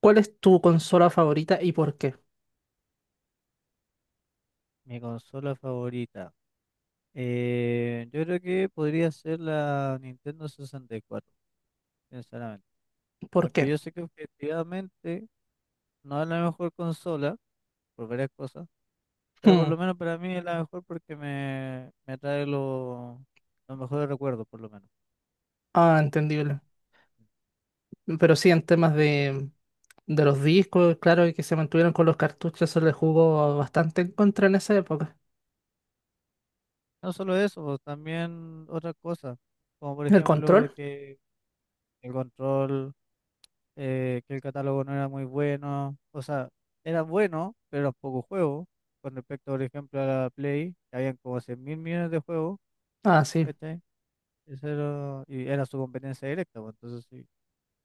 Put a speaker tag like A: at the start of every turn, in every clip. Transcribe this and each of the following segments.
A: ¿Cuál es tu consola favorita y por qué?
B: Mi consola favorita. Yo creo que podría ser la Nintendo 64, sinceramente.
A: ¿Por qué?
B: Aunque yo sé que objetivamente no es la mejor consola, por varias cosas, pero por
A: Hmm.
B: lo menos para mí es la mejor porque me trae los mejores recuerdos, por lo menos.
A: Ah, entendible. Pero sí, en temas de los discos, claro, y que se mantuvieron con los cartuchos, se le jugó bastante en contra en esa época.
B: No solo eso, pues, también otras cosas, como por
A: ¿El
B: ejemplo
A: control?
B: que el control. Que el catálogo no era muy bueno, o sea, era bueno, pero eran pocos juegos, con respecto, por ejemplo, a la Play, que habían como 100 mil millones de juegos,
A: Ah, sí,
B: ¿cachai? Eso era, y era su competencia directa, pues, entonces si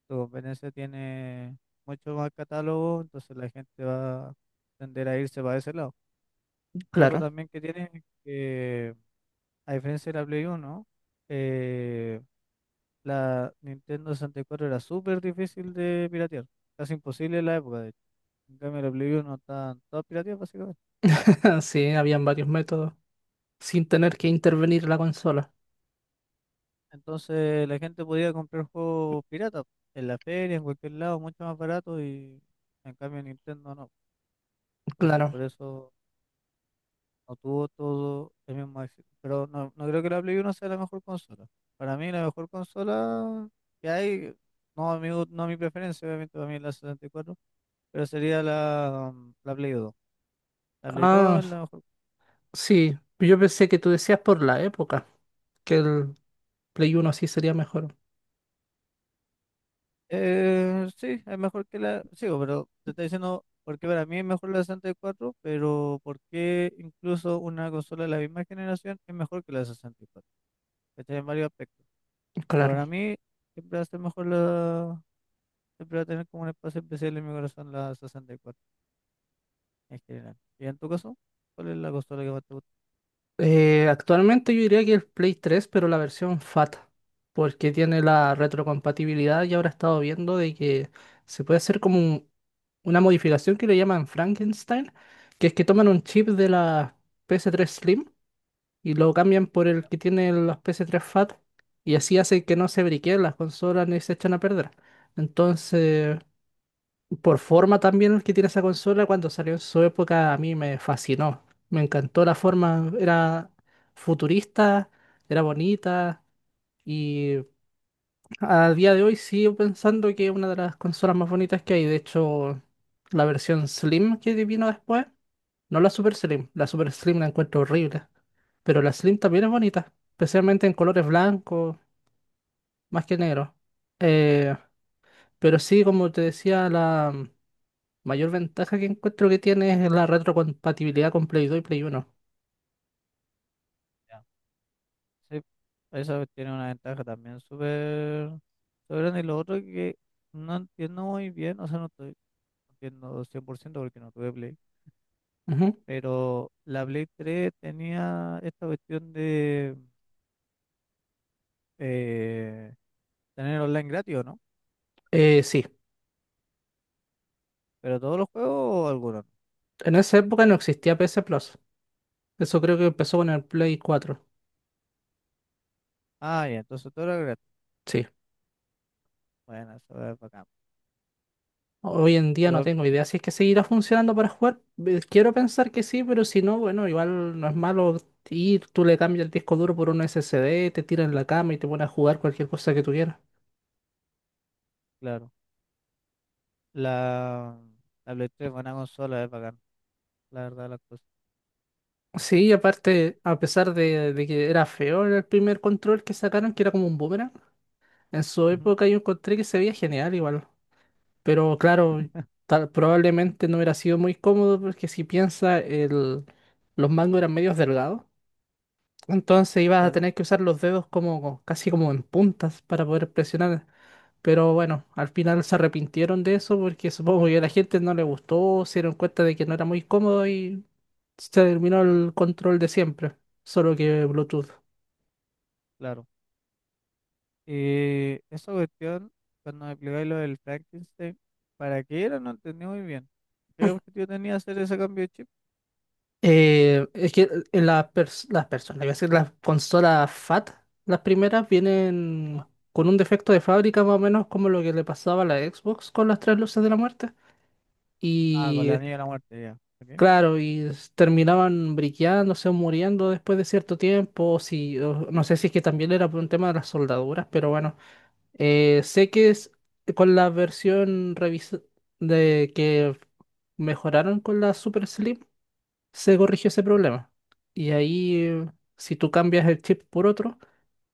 B: su competencia tiene mucho más catálogo, entonces la gente va a tender a irse para ese lado. Lo otro
A: claro.
B: también que tiene es que, a diferencia de la Play uno, eh, La Nintendo 64 era súper difícil de piratear, casi imposible en la época, de hecho. En cambio, la Play 1 estaban todas pirateadas, básicamente.
A: Sí, habían varios métodos sin tener que intervenir la consola.
B: Entonces, la gente podía comprar juegos piratas en la feria, en cualquier lado, mucho más barato, y en cambio, Nintendo no. Entonces, por
A: Claro.
B: eso no tuvo todo el mismo éxito. Pero no, no creo que la Play Uno sea la mejor consola. Para mí, la mejor consola que hay, no a mi, no a mi preferencia, obviamente, para mí es la 64, pero sería la, Play dos,
A: Ah,
B: Ableton, la mejor.
A: sí. Yo pensé que tú decías por la época, que el Play Uno sí sería mejor.
B: Sí, es mejor que la. Sigo, pero te estoy diciendo porque para mí es mejor la 64, pero ¿por qué incluso una consola de la misma generación es mejor que la 64? Está en varios aspectos. Pero
A: Claro.
B: para mí siempre va a ser mejor la. Siempre va a tener como un espacio especial en mi corazón la 64, en general. ¿Y en tu caso? ¿Cuál es la consola que más te gusta?
A: Actualmente yo diría que el Play 3, pero la versión FAT, porque tiene la retrocompatibilidad y ahora he estado viendo de que se puede hacer como una modificación que le llaman Frankenstein, que es que toman un chip de la ps tres Slim y lo cambian por el que tiene las ps tres FAT y así hace que no se briqueen las consolas ni se echan a perder. Entonces, por forma también que tiene esa consola, cuando salió en su época a mí me fascinó. Me encantó la forma, era futurista, era bonita y a día de hoy sigo pensando que es una de las consolas más bonitas que hay. De hecho, la versión Slim que vino después, no la Super Slim, la Super Slim la encuentro horrible, pero la Slim también es bonita, especialmente en colores blancos, más que negro. Eh, pero sí, como te decía. Mayor ventaja que encuentro que tiene es la retrocompatibilidad con Play 2 y Play 1.
B: Ya, sí, esa tiene una ventaja también súper súper grande. Y lo otro que no entiendo muy bien, o sea, no estoy entiendo 100% porque no tuve Play,
A: Ujú.
B: pero la Play tres tenía esta cuestión de eh, tener online gratis o no,
A: Sí,
B: pero todos los juegos o algunos, ¿no?
A: en esa época no existía PS Plus. Eso creo que empezó con el Play 4.
B: Ah, ya, entonces todo era gratis.
A: Sí.
B: Bueno, eso es bacán.
A: Hoy en día no
B: Igual,
A: tengo idea si es que seguirá funcionando para jugar. Quiero pensar que sí, pero si no, bueno, igual no es malo ir, tú le cambias el disco duro por un SSD, te tiras en la cama y te pones a jugar cualquier cosa que tú quieras.
B: claro, la, la Play tres es buena consola, es bacán, la verdad, las cosas.
A: Sí, y aparte, a pesar de que era feo el primer control que sacaron, que era como un boomerang, en su
B: Ujú,
A: época yo encontré que se veía genial igual. Pero claro, probablemente no hubiera sido muy cómodo porque si piensa, los mangos eran medios delgados. Entonces ibas a
B: claro,
A: tener que usar los dedos como casi como en puntas para poder presionar. Pero bueno, al final se arrepintieron de eso porque supongo que a la gente no le gustó, se dieron cuenta de que no era muy cómodo y se terminó el control de siempre, solo que Bluetooth.
B: claro. Y esa cuestión, cuando me explicáis lo del Frankenstein, ¿para qué era? No entendí muy bien. ¿Qué objetivo tenía hacer ese cambio de chip?
A: Es que en las las personas, iba a decir, las consolas FAT, las primeras vienen con un defecto de fábrica más o menos como lo que le pasaba a la Xbox con las tres luces de la muerte.
B: Ah, con la
A: Y
B: niña de la muerte, ya. Ok.
A: claro, terminaban briqueándose o muriendo después de cierto tiempo, o si, o no sé si es que también era por un tema de las soldaduras, pero bueno, sé que es con la versión de que mejoraron con la Super Slim se corrigió ese problema. Y ahí, si tú cambias el chip por otro,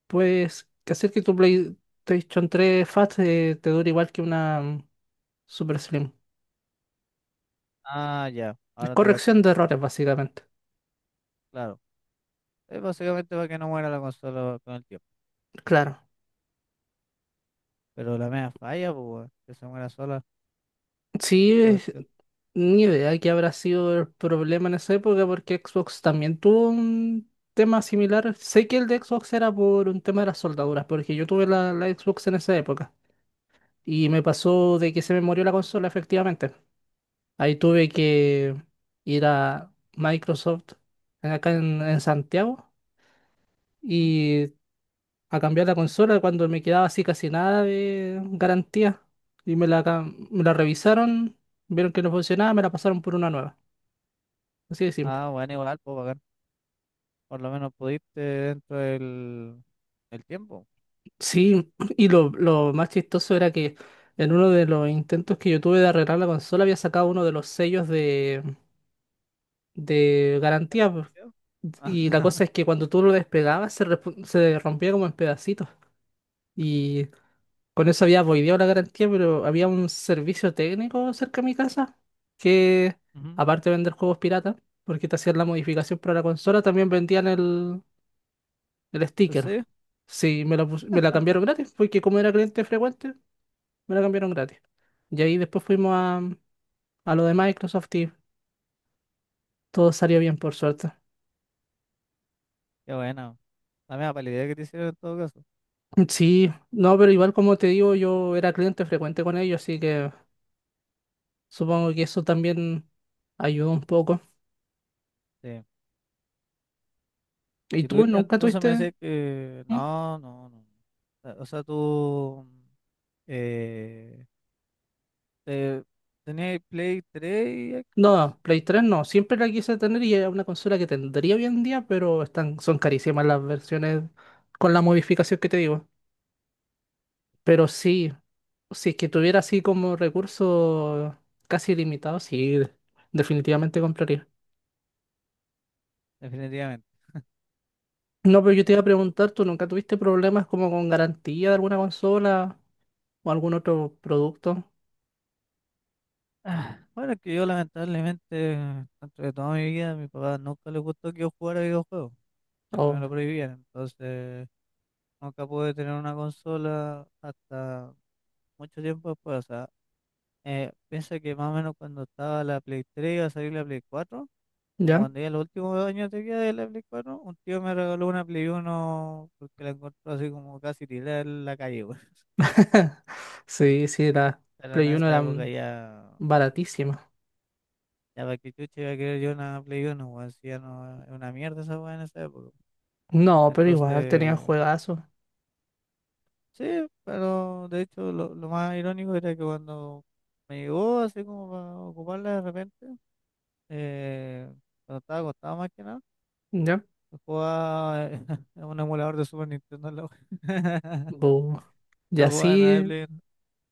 A: puedes hacer que tu PlayStation 3 Fat te dure igual que una Super Slim.
B: Ah, ya, ahora te cacho
A: Corrección
B: mejor.
A: de errores, básicamente.
B: Claro. Es básicamente para que no muera la consola con el tiempo.
A: Claro.
B: Pero la mea falla, pues, weón, que se muera sola
A: Sí,
B: la cuestión.
A: ni idea que habrá sido el problema en esa época porque Xbox también tuvo un tema similar. Sé que el de Xbox era por un tema de las soldaduras, porque yo tuve la Xbox en esa época y me pasó de que se me murió la consola efectivamente. Ahí tuve que ir a Microsoft, acá en Santiago,
B: Ujú.
A: y a cambiar la consola cuando me quedaba así casi nada de garantía. Y me la revisaron, vieron que no funcionaba, me la pasaron por una nueva. Así de simple.
B: Ah, bueno, igual, pues, bacán. Por lo menos pudiste dentro del tiempo.
A: Sí, y lo más chistoso era que en uno de los intentos que yo tuve de arreglar la consola había sacado uno de los sellos de garantía, pues.
B: ¿Ya? Ah,
A: Y la cosa es que cuando tú lo despegabas se rompía como en pedacitos. Y con eso había voideado la garantía, pero había un servicio técnico cerca de mi casa que,
B: ujú.
A: aparte de vender juegos pirata, porque te hacían la modificación para la consola, también vendían el
B: ¿En
A: sticker.
B: serio?
A: Sí, me la cambiaron gratis, porque como era cliente frecuente, me la cambiaron gratis. Y ahí después fuimos a lo de Microsoft y todo salió bien, por suerte.
B: Qué bueno. La mea palidez que te hicieron en todo caso.
A: Mm. Sí, no, pero igual como te digo, yo era cliente frecuente con ellos, así que supongo que eso también ayudó un poco.
B: Sí.
A: ¿Y
B: Y tú,
A: tú nunca
B: entonces me
A: tuviste?
B: decías que
A: ¿Mm?
B: no, no, no. O sea, tú eh, te, tenías Play 3 y Xbox,
A: No, Play 3 no, siempre la quise tener y era una consola que tendría hoy en día, pero están, son carísimas las versiones con la modificación que te digo. Pero sí, si es que tuviera así como recursos casi ilimitados, sí, definitivamente compraría.
B: definitivamente.
A: No, pero yo te iba a
B: Ya.
A: preguntar, ¿tú nunca tuviste problemas como con garantía de alguna consola o algún otro producto?
B: Ah, bueno, es que yo lamentablemente, dentro de toda mi vida, a mi papá nunca le gustó que yo jugara videojuegos. Siempre me
A: ¿O
B: lo prohibían. Entonces, nunca pude tener una consola hasta mucho tiempo después. O sea, piensa que más o menos cuando estaba la Play 3 iba a salir la Play cuatro. Como
A: ya?
B: cuando ya los últimos 2 años de vida de la Play 4, un tío me regaló una Play uno porque la encontró así como casi tirada en la calle, weón.
A: Sí, sí, las
B: Pero en
A: Play Uno
B: esa época
A: eran
B: ya,
A: baratísimas.
B: ya para que chucha iba a querer yo una Play uno, weón. Si ya no, es una mierda esa weá en esa época.
A: No, pero igual tenían
B: Entonces,
A: juegazos.
B: sí, pero de hecho lo más irónico era que cuando me llegó así como para ocuparla de repente, eh, cuando estaba acostado más que nada,
A: ¿Ya?
B: jugaba en un emulador de Super Nintendo en la wea.
A: Bu. Y
B: No jugaba nada de
A: así
B: Play.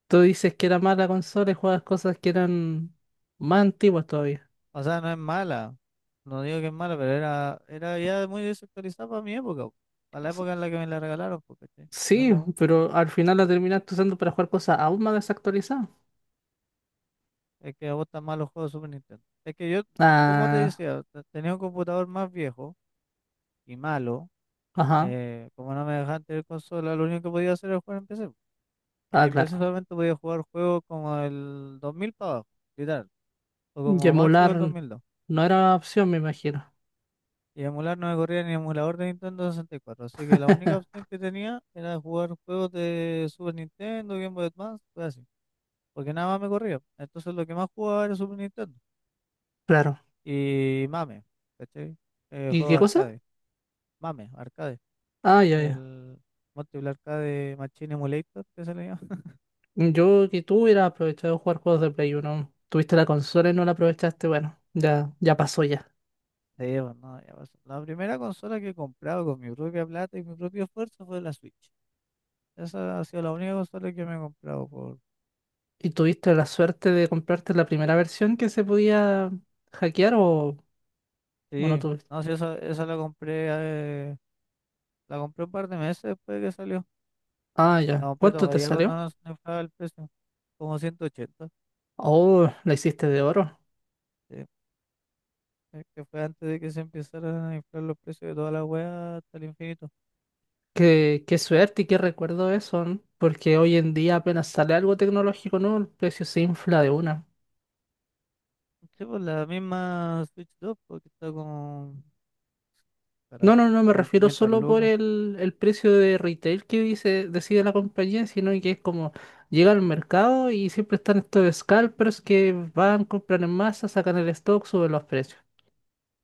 A: tú dices que era mala consola y juegas cosas que eran más antiguas todavía.
B: O sea, no es mala. No digo que es mala, pero era, ya muy desactualizada para mi época, po. Para la
A: S-
B: época en la que me la regalaron, porque
A: Sí, pero al final la terminaste usando para jugar cosas aún más desactualizadas.
B: es que a vos tan malos juegos de Super Nintendo. Es que yo, como te
A: Ah,
B: decía, tenía un computador más viejo y malo.
A: ajá,
B: Como no me dejaban tener consola, lo único que podía hacer era jugar en PC, po. Y
A: ah,
B: en PC
A: claro.
B: solamente podía jugar juegos como el 2000 para abajo, literal. O
A: Y
B: como máximo el dos
A: emular
B: mil dos
A: no era opción, me imagino.
B: Y emular no me corría ni emulador de Nintendo 64, así que la única opción que tenía era jugar juegos de Super Nintendo, Game Boy Advance, cosas así, porque nada más me corría. Entonces lo que más jugaba era Super Nintendo
A: Claro.
B: y MAME, ¿cachai? Eh,
A: ¿Y
B: juego
A: qué
B: de
A: cosa?
B: arcade, MAME, arcade,
A: Ah, ya, ya.
B: el Multiple Arcade Machine Emulator que se le llama.
A: Yo que tú hubieras aprovechado de jugar juegos de Play uno. Tuviste la consola y no la aprovechaste. Bueno, ya, ya pasó ya.
B: Sí, pues, no, ya pasó. La primera consola que he comprado con mi propia plata y mi propio esfuerzo fue la Switch. Esa ha sido la única consola que me he comprado por.
A: ¿Y tuviste la suerte de comprarte la primera versión que se podía hackear o no
B: Sí,
A: tuviste?
B: no, sí, esa la compré. eh, La compré un par de meses después de que salió.
A: Ah,
B: La
A: ya.
B: compré
A: ¿Cuánto te
B: todavía cuando
A: salió?
B: no se inflaba el precio, como 180.
A: Oh, la hiciste de oro.
B: Sí, es que fue antes de que se empezaran a inflar los precios de toda la weá hasta el infinito.
A: Qué suerte y qué recuerdo eso, ¿no? Porque hoy en día apenas sale algo tecnológico nuevo, el precio se infla de una.
B: Sí, pues la misma Switch dos porque está como, cara,
A: No, no, no me
B: como en
A: refiero
B: 500
A: solo por
B: lucas.
A: el precio de retail que dice, decide la compañía, sino que es como llega al mercado y siempre están estos scalpers que van, compran en masa, sacan el stock, suben los precios.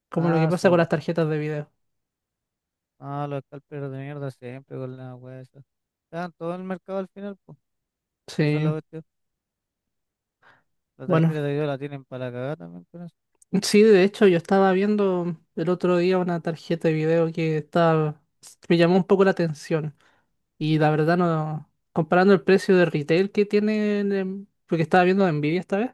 A: Como lo que
B: Ah,
A: pasa
B: sí,
A: con
B: bo.
A: las tarjetas de video.
B: Ah, los scalpers de mierda siempre con la weá esa. Están todo el mercado al final, pues. Esa es la
A: Sí,
B: cuestión. La
A: bueno,
B: tarjeta de video la tienen para cagar también con eso.
A: sí, de hecho yo estaba viendo el otro día una tarjeta de video que estaba, me llamó un poco la atención y la verdad no, comparando el precio de retail que tiene, porque estaba viendo Nvidia esta vez,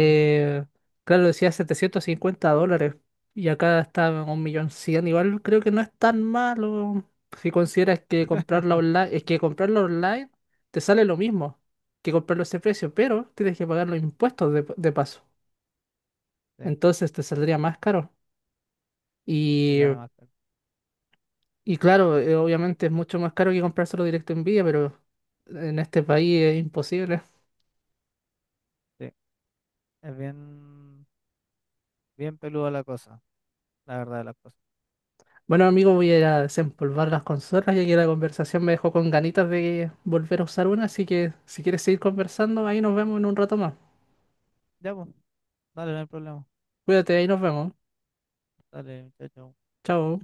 B: Ujú.
A: claro, decía 750 dólares y acá está en 1.100.000, igual creo que no es tan malo si consideras que comprarla online, es que comprarlo online te sale lo mismo que comprarlo a ese precio, pero tienes que pagar los impuestos de paso.
B: Sí,
A: Entonces te saldría más caro.
B: sí
A: Y,
B: sale más caro.
A: y claro, obviamente es mucho más caro que comprárselo directo en Villa, pero en este país es imposible.
B: Sí, es bien. Bien peluda la cosa, la verdad de las cosas.
A: Bueno, amigo, voy a ir a desempolvar las consolas, ya que la conversación me dejó con ganitas de volver a usar una, así que si quieres seguir conversando, ahí nos vemos en un rato más.
B: Ya, pues, dale, no hay problema.
A: Cuídate, ahí nos vemos.
B: Dale, muchacho.
A: Chao.